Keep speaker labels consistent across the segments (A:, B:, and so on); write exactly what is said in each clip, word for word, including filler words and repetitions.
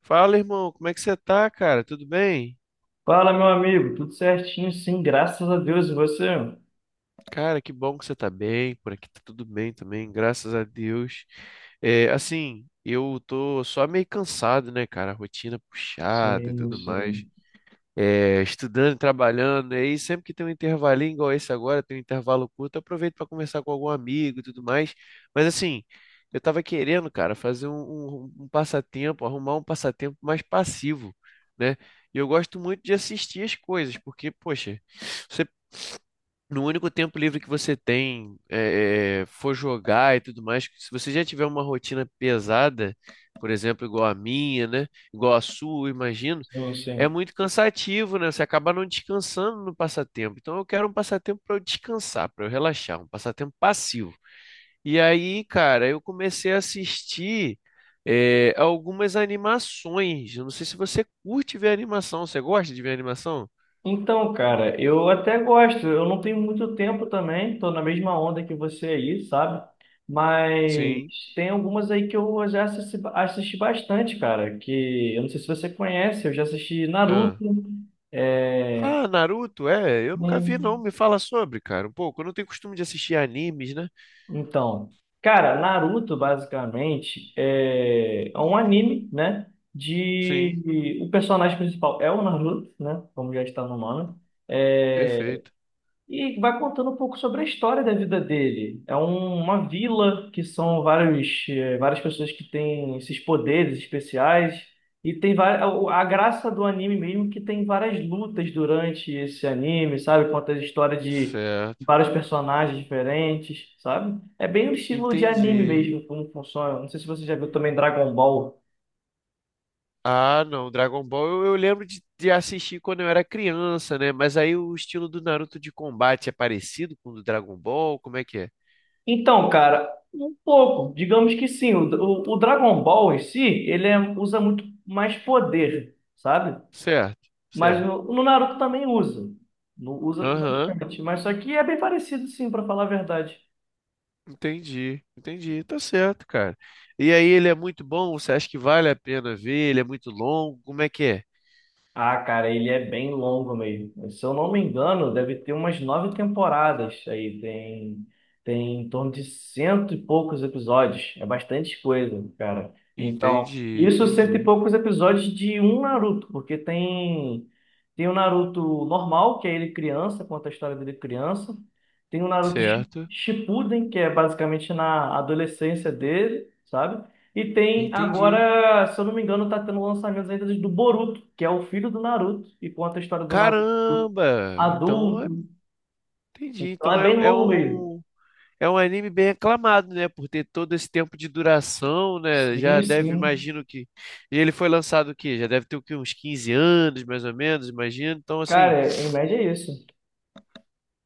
A: Fala, irmão, como é que você tá, cara? Tudo bem?
B: Fala, meu amigo, tudo certinho? Sim, graças a Deus. E você?
A: Cara, que bom que você tá bem. Por aqui tá tudo bem também, graças a Deus. É, assim, eu tô só meio cansado, né, cara? Rotina puxada e
B: Sim,
A: tudo mais.
B: sim,
A: É, estudando, trabalhando, e aí sempre que tem um intervalinho igual esse agora, tem um intervalo curto, eu aproveito para conversar com algum amigo e tudo mais. Mas assim, eu estava querendo, cara, fazer um, um- um passatempo, arrumar um passatempo mais passivo, né? E eu gosto muito de assistir as coisas, porque, poxa, você, no único tempo livre que você tem, é, é, for jogar e tudo mais, se você já tiver uma rotina pesada, por exemplo, igual a minha, né? Igual a sua, eu imagino
B: sim,
A: é
B: sim.
A: muito cansativo, né? Você acaba não descansando no passatempo. Então eu quero um passatempo para eu descansar, para eu relaxar, um passatempo passivo. E aí, cara, eu comecei a assistir eh, algumas animações. Eu não sei se você curte ver animação. Você gosta de ver animação?
B: Então, cara, eu até gosto. Eu não tenho muito tempo também, tô na mesma onda que você aí, sabe? Mas
A: Sim.
B: tem algumas aí que eu já assisti, assisti bastante, cara. Que eu não sei se você conhece, eu já assisti Naruto.
A: Ah.
B: É...
A: Ah, Naruto? É, eu nunca vi, não. Me fala sobre, cara, um pouco. Eu não tenho costume de assistir animes, né?
B: Então, cara, Naruto basicamente é é um anime, né?
A: Sim,
B: De o personagem principal é o Naruto, né? Como já está no nome.
A: perfeito.
B: E vai contando um pouco sobre a história da vida dele. É um- uma vila que são vários, eh, várias pessoas que têm esses poderes especiais. E tem vai- a a graça do anime mesmo que tem várias lutas durante esse anime, sabe? Conta a história de
A: Certo.
B: vários personagens diferentes, sabe? É bem o estilo de anime
A: Entendi.
B: mesmo, como funciona. Não sei se você já viu também Dragon Ball.
A: Ah, não, Dragon Ball eu, eu lembro de, de assistir quando eu era criança, né? Mas aí o estilo do Naruto de combate é parecido com o do Dragon Ball? Como é que é?
B: Então, cara, um pouco. Digamos que sim. O, o- o Dragon Ball em si, ele é- usa muito mais poder, sabe?
A: Certo,
B: Mas
A: certo.
B: no, no Naruto também usa. No- usa
A: Aham,
B: bastante. Mas só que é bem parecido, sim, pra falar a verdade.
A: entendi, entendi. Tá certo, cara. E aí ele é muito bom? Você acha que vale a pena ver? Ele é muito longo? Como é que é?
B: Ah, cara, ele é bem longo mesmo. Se eu não me engano, deve ter umas nove temporadas. Aí tem, tem em torno de cento e poucos episódios. É bastante coisa, cara. Então,
A: Entendi,
B: isso cento e
A: entendi.
B: poucos episódios de um Naruto, porque tem tem o Naruto normal, que é ele criança, conta a história dele criança. Tem o Naruto Shi-
A: Certo,
B: Shippuden, que é basicamente na adolescência dele, sabe? E tem
A: entendi.
B: agora, se eu não me engano, tá tendo lançamentos ainda do Boruto, que é o filho do Naruto, e conta a história do Naruto
A: Caramba! Então, é-
B: adulto.
A: entendi.
B: Então
A: Então
B: é
A: é,
B: bem
A: é
B: longo mesmo.
A: um. Um É um anime bem aclamado, né? Por ter todo esse tempo de duração, né?
B: Sim,
A: Já deve,
B: sim.
A: imagino que. E ele foi lançado o quê? Já deve ter o quê? Uns quinze anos, mais ou menos, imagino. Então, assim,
B: Cara, em média é isso.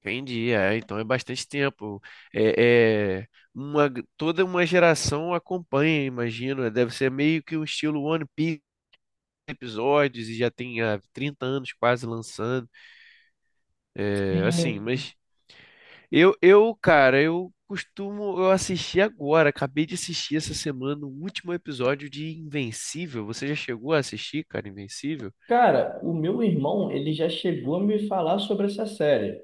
A: entendi. É, então é bastante tempo. É, é uma, toda uma geração acompanha, imagino. Né, deve ser meio que um estilo One Piece episódios e já tem há trinta anos quase lançando. É, assim,
B: Sim.
A: mas. Eu, eu, cara, eu costumo, eu assisti agora, acabei de assistir essa semana o último episódio de Invencível. Você já chegou a assistir, cara, Invencível?
B: Cara, o meu irmão, ele já chegou a me falar sobre essa série.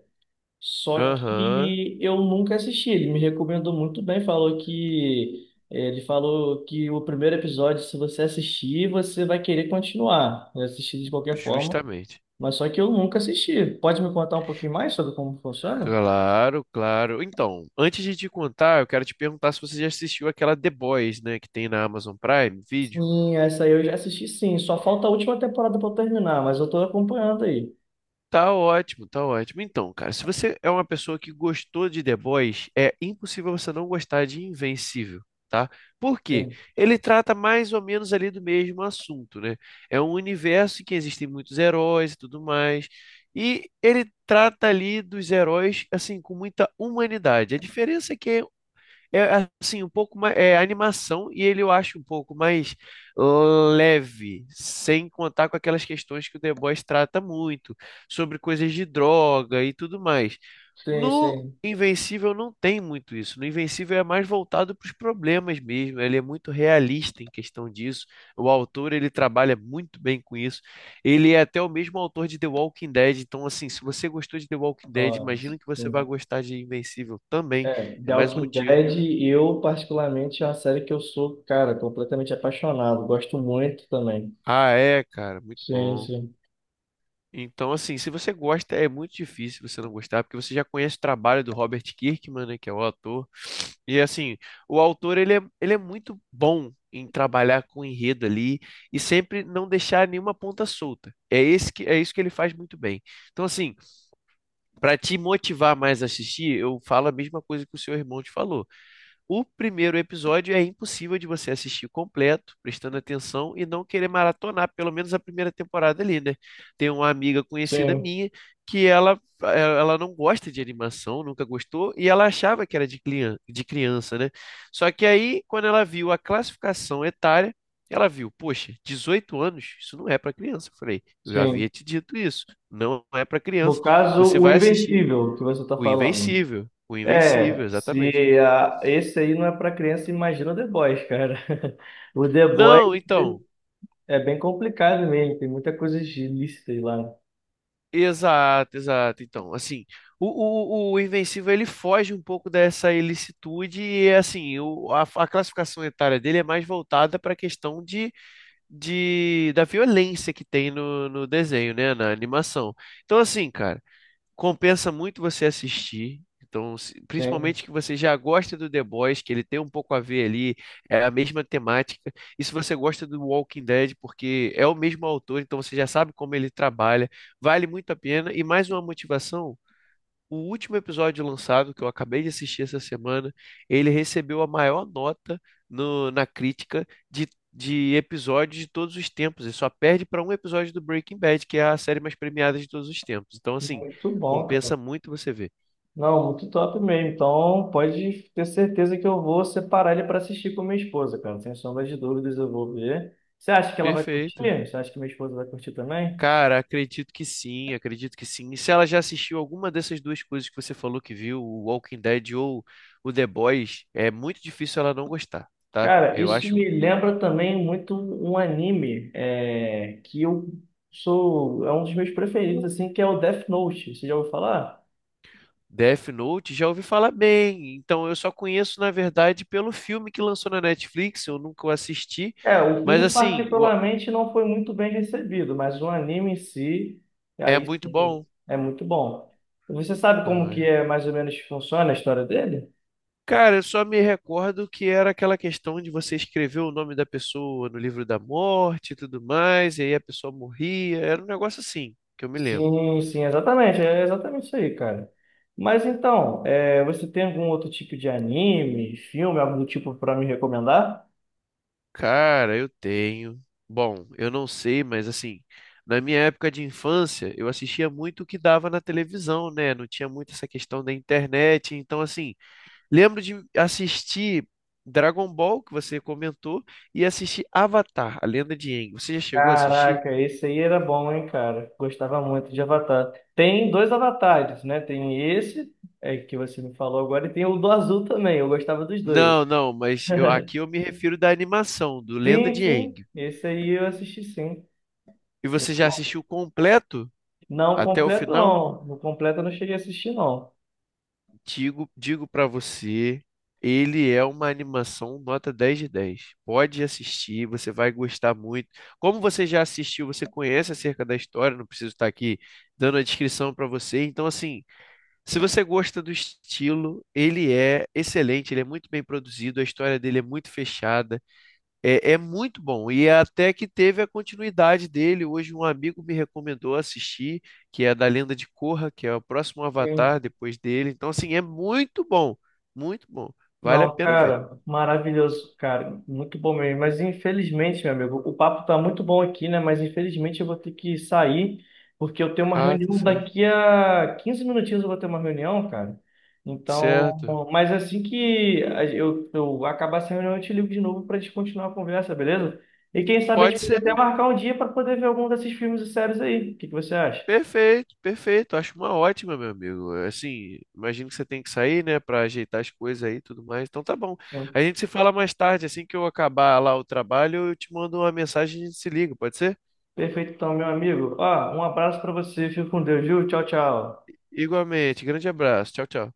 B: Só
A: Aham,
B: que eu nunca assisti. Ele me recomendou muito bem, falou que ele falou que o primeiro episódio, se você assistir, você vai querer continuar, assistir de qualquer forma.
A: justamente.
B: Mas só que eu nunca assisti. Pode me contar um pouquinho mais sobre como funciona?
A: Claro, claro. Então, antes de te contar, eu quero te perguntar se você já assistiu aquela The Boys, né, que tem na Amazon Prime Video.
B: Sim, essa aí eu já assisti, sim. Só falta a última temporada para terminar, mas eu tô acompanhando aí.
A: Tá ótimo, tá ótimo. Então, cara, se você é uma pessoa que gostou de The Boys, é impossível você não gostar de Invencível, tá? Por quê?
B: Sim,
A: Ele trata mais ou menos ali do mesmo assunto, né? É um universo em que existem muitos heróis e tudo mais, e ele trata ali dos heróis, assim, com muita humanidade. A diferença é que é é assim, um pouco mais. É animação e ele eu acho um pouco mais leve, sem contar com aquelas questões que o The Boys trata muito, sobre coisas de droga e tudo mais.
B: sim,
A: No
B: sim.
A: Invencível não tem muito isso. No Invencível é mais voltado para os problemas mesmo. Ele é muito realista em questão disso. O autor ele trabalha muito bem com isso. Ele é até o mesmo autor de The Walking Dead. Então, assim, se você gostou de The Walking Dead,
B: Nossa,
A: imagino que você vai
B: sim.
A: gostar de Invencível também.
B: É,
A: É
B: The
A: mais um
B: Walking
A: motivo.
B: Dead, eu particularmente é uma série que eu sou, cara, completamente apaixonado. Gosto muito também.
A: Ah, é, cara, muito
B: Sim,
A: bom.
B: sim.
A: Então, assim, se você gosta, é muito difícil você não gostar, porque você já conhece o trabalho do Robert Kirkman, né, que é o autor. E, assim, o autor, ele é, ele é muito bom em trabalhar com enredo ali e sempre não deixar nenhuma ponta solta. É esse que, é isso que ele faz muito bem. Então, assim, para te motivar mais a assistir, eu falo a mesma coisa que o seu irmão te falou. O primeiro episódio é impossível de você assistir completo, prestando atenção e não querer maratonar, pelo menos a primeira temporada ali, né? Tem uma amiga conhecida
B: Sim,
A: minha que ela, eh, ela não gosta de animação, nunca gostou, e ela achava que era de clian- de criança, né? Só que aí, quando ela viu a classificação etária, ela viu, poxa, dezoito anos, isso não é para criança. Eu falei, eu já havia
B: sim.
A: te dito isso, não é para
B: No
A: criança.
B: caso,
A: Você
B: o
A: vai assistir
B: Invencível que você tá
A: o
B: falando.
A: Invencível, o Invencível,
B: É,
A: exatamente.
B: se a, esse aí não é para criança, imagina o The Boys, cara. O The Boys
A: Não, então,
B: é bem complicado mesmo, tem muita coisa ilícita aí lá.
A: exato, exato. Então, assim, o, o, o Invencível ele foge um pouco dessa ilicitude e, assim, o, a, a classificação etária dele é mais voltada para a questão de, de, da violência que tem no, no desenho, né, na animação. Então, assim, cara, compensa muito você assistir. Então, se-
B: Sim,
A: principalmente que você já gosta do The Boys, que ele tem um pouco a ver ali, é a mesma temática. E se você gosta do Walking Dead, porque é o mesmo autor, então você já sabe como ele trabalha, vale muito a pena. E mais uma motivação o último episódio lançado, que eu acabei de assistir essa semana, ele recebeu a maior nota no- na crítica de, de episódios de todos os tempos. Ele só perde para um episódio do Breaking Bad, que é a série mais premiada de todos os tempos. Então, assim,
B: muito bom, cara.
A: compensa muito você ver.
B: Não, muito top mesmo. Então, pode ter certeza que eu vou separar ele para assistir com minha esposa, cara. Sem sombra de dúvidas, eu vou ver. Você acha que ela vai curtir?
A: Perfeito.
B: Você acha que minha esposa vai curtir também?
A: Cara, acredito que sim, acredito que sim. E se ela já assistiu alguma dessas duas coisas que você falou que viu, o Walking Dead ou o The Boys, é muito difícil ela não gostar, tá?
B: Cara,
A: Eu
B: isso
A: acho
B: me lembra também muito um um anime é, que eu sou, é um dos meus preferidos, assim, que é o Death Note. Você já ouviu falar?
A: Death Note já ouvi falar bem, então eu só conheço, na verdade, pelo filme que lançou na Netflix, eu nunca o assisti,
B: É, o
A: mas
B: filme
A: assim, o-
B: particularmente não foi muito bem recebido, mas o anime em si,
A: é
B: aí
A: muito
B: sim,
A: bom.
B: é muito bom. Você sabe como que
A: Ai.
B: é mais ou menos que funciona a história dele?
A: Cara, eu só me recordo que era aquela questão de você escrever o nome da pessoa no livro da morte e tudo mais, e aí a pessoa morria, era um negócio assim, que eu me lembro.
B: Sim, sim, exatamente, é exatamente isso aí, cara. Mas então, é, você tem algum outro tipo de anime, filme, algum tipo para me recomendar?
A: Cara, eu tenho. Bom, eu não sei, mas assim, na minha época de infância, eu assistia muito o que dava na televisão, né? Não tinha muito essa questão da internet. Então, assim, lembro de assistir Dragon Ball, que você comentou, e assistir Avatar, A Lenda de Aang. Você já chegou a assistir?
B: Caraca, esse aí era bom, hein, cara? Gostava muito de Avatar. Tem dois avatares, né? Tem esse é, que você me falou agora e tem o do azul também. Eu gostava dos dois.
A: Não, não, mas eu, aqui eu me refiro da animação, do Lenda
B: Sim,
A: de
B: sim.
A: Aang.
B: Esse aí eu assisti sim.
A: E
B: Muito
A: você já
B: bom.
A: assistiu completo
B: Não
A: até o
B: completo,
A: final?
B: não. No completo eu não cheguei a assistir, não.
A: Digo, digo para você, ele é uma animação nota dez de dez. Pode assistir, você vai gostar muito. Como você já assistiu, você conhece acerca da história, não preciso estar aqui dando a descrição para você. Então, assim, se você gosta do estilo, ele é excelente, ele é muito bem produzido, a história dele é muito fechada. É, é muito bom. E até que teve a continuidade dele. Hoje um amigo me recomendou assistir, que é da Lenda de Korra, que é o próximo Avatar depois dele. Então, assim, é muito bom. Muito bom. Vale a
B: Não,
A: pena ver.
B: cara, maravilhoso, cara, muito bom mesmo. Mas infelizmente, meu amigo, o papo tá muito bom aqui, né? Mas infelizmente eu vou ter que sair, porque eu tenho uma
A: Ah, tá
B: reunião
A: certo.
B: daqui a quinze minutinhos eu vou ter uma reunião, cara. Então,
A: Certo.
B: mas assim que a- eu, eu acabar essa reunião, eu te ligo de novo pra gente continuar a conversa, beleza? E quem sabe a
A: Pode
B: gente pode
A: ser.
B: até marcar um dia para poder ver algum desses filmes e séries aí. O que que você acha?
A: Perfeito, perfeito. Acho uma ótima, meu amigo. Assim, imagino que você tem que sair, né, pra ajeitar as coisas aí e tudo mais. Então tá bom.
B: Sim.
A: A gente se fala mais tarde, assim que eu acabar lá o trabalho, eu te mando uma mensagem e a gente se liga, pode ser?
B: Perfeito, então, meu amigo. Ó, um abraço para você, fica com Deus, viu? Tchau, tchau.
A: Igualmente. Grande abraço. Tchau, tchau.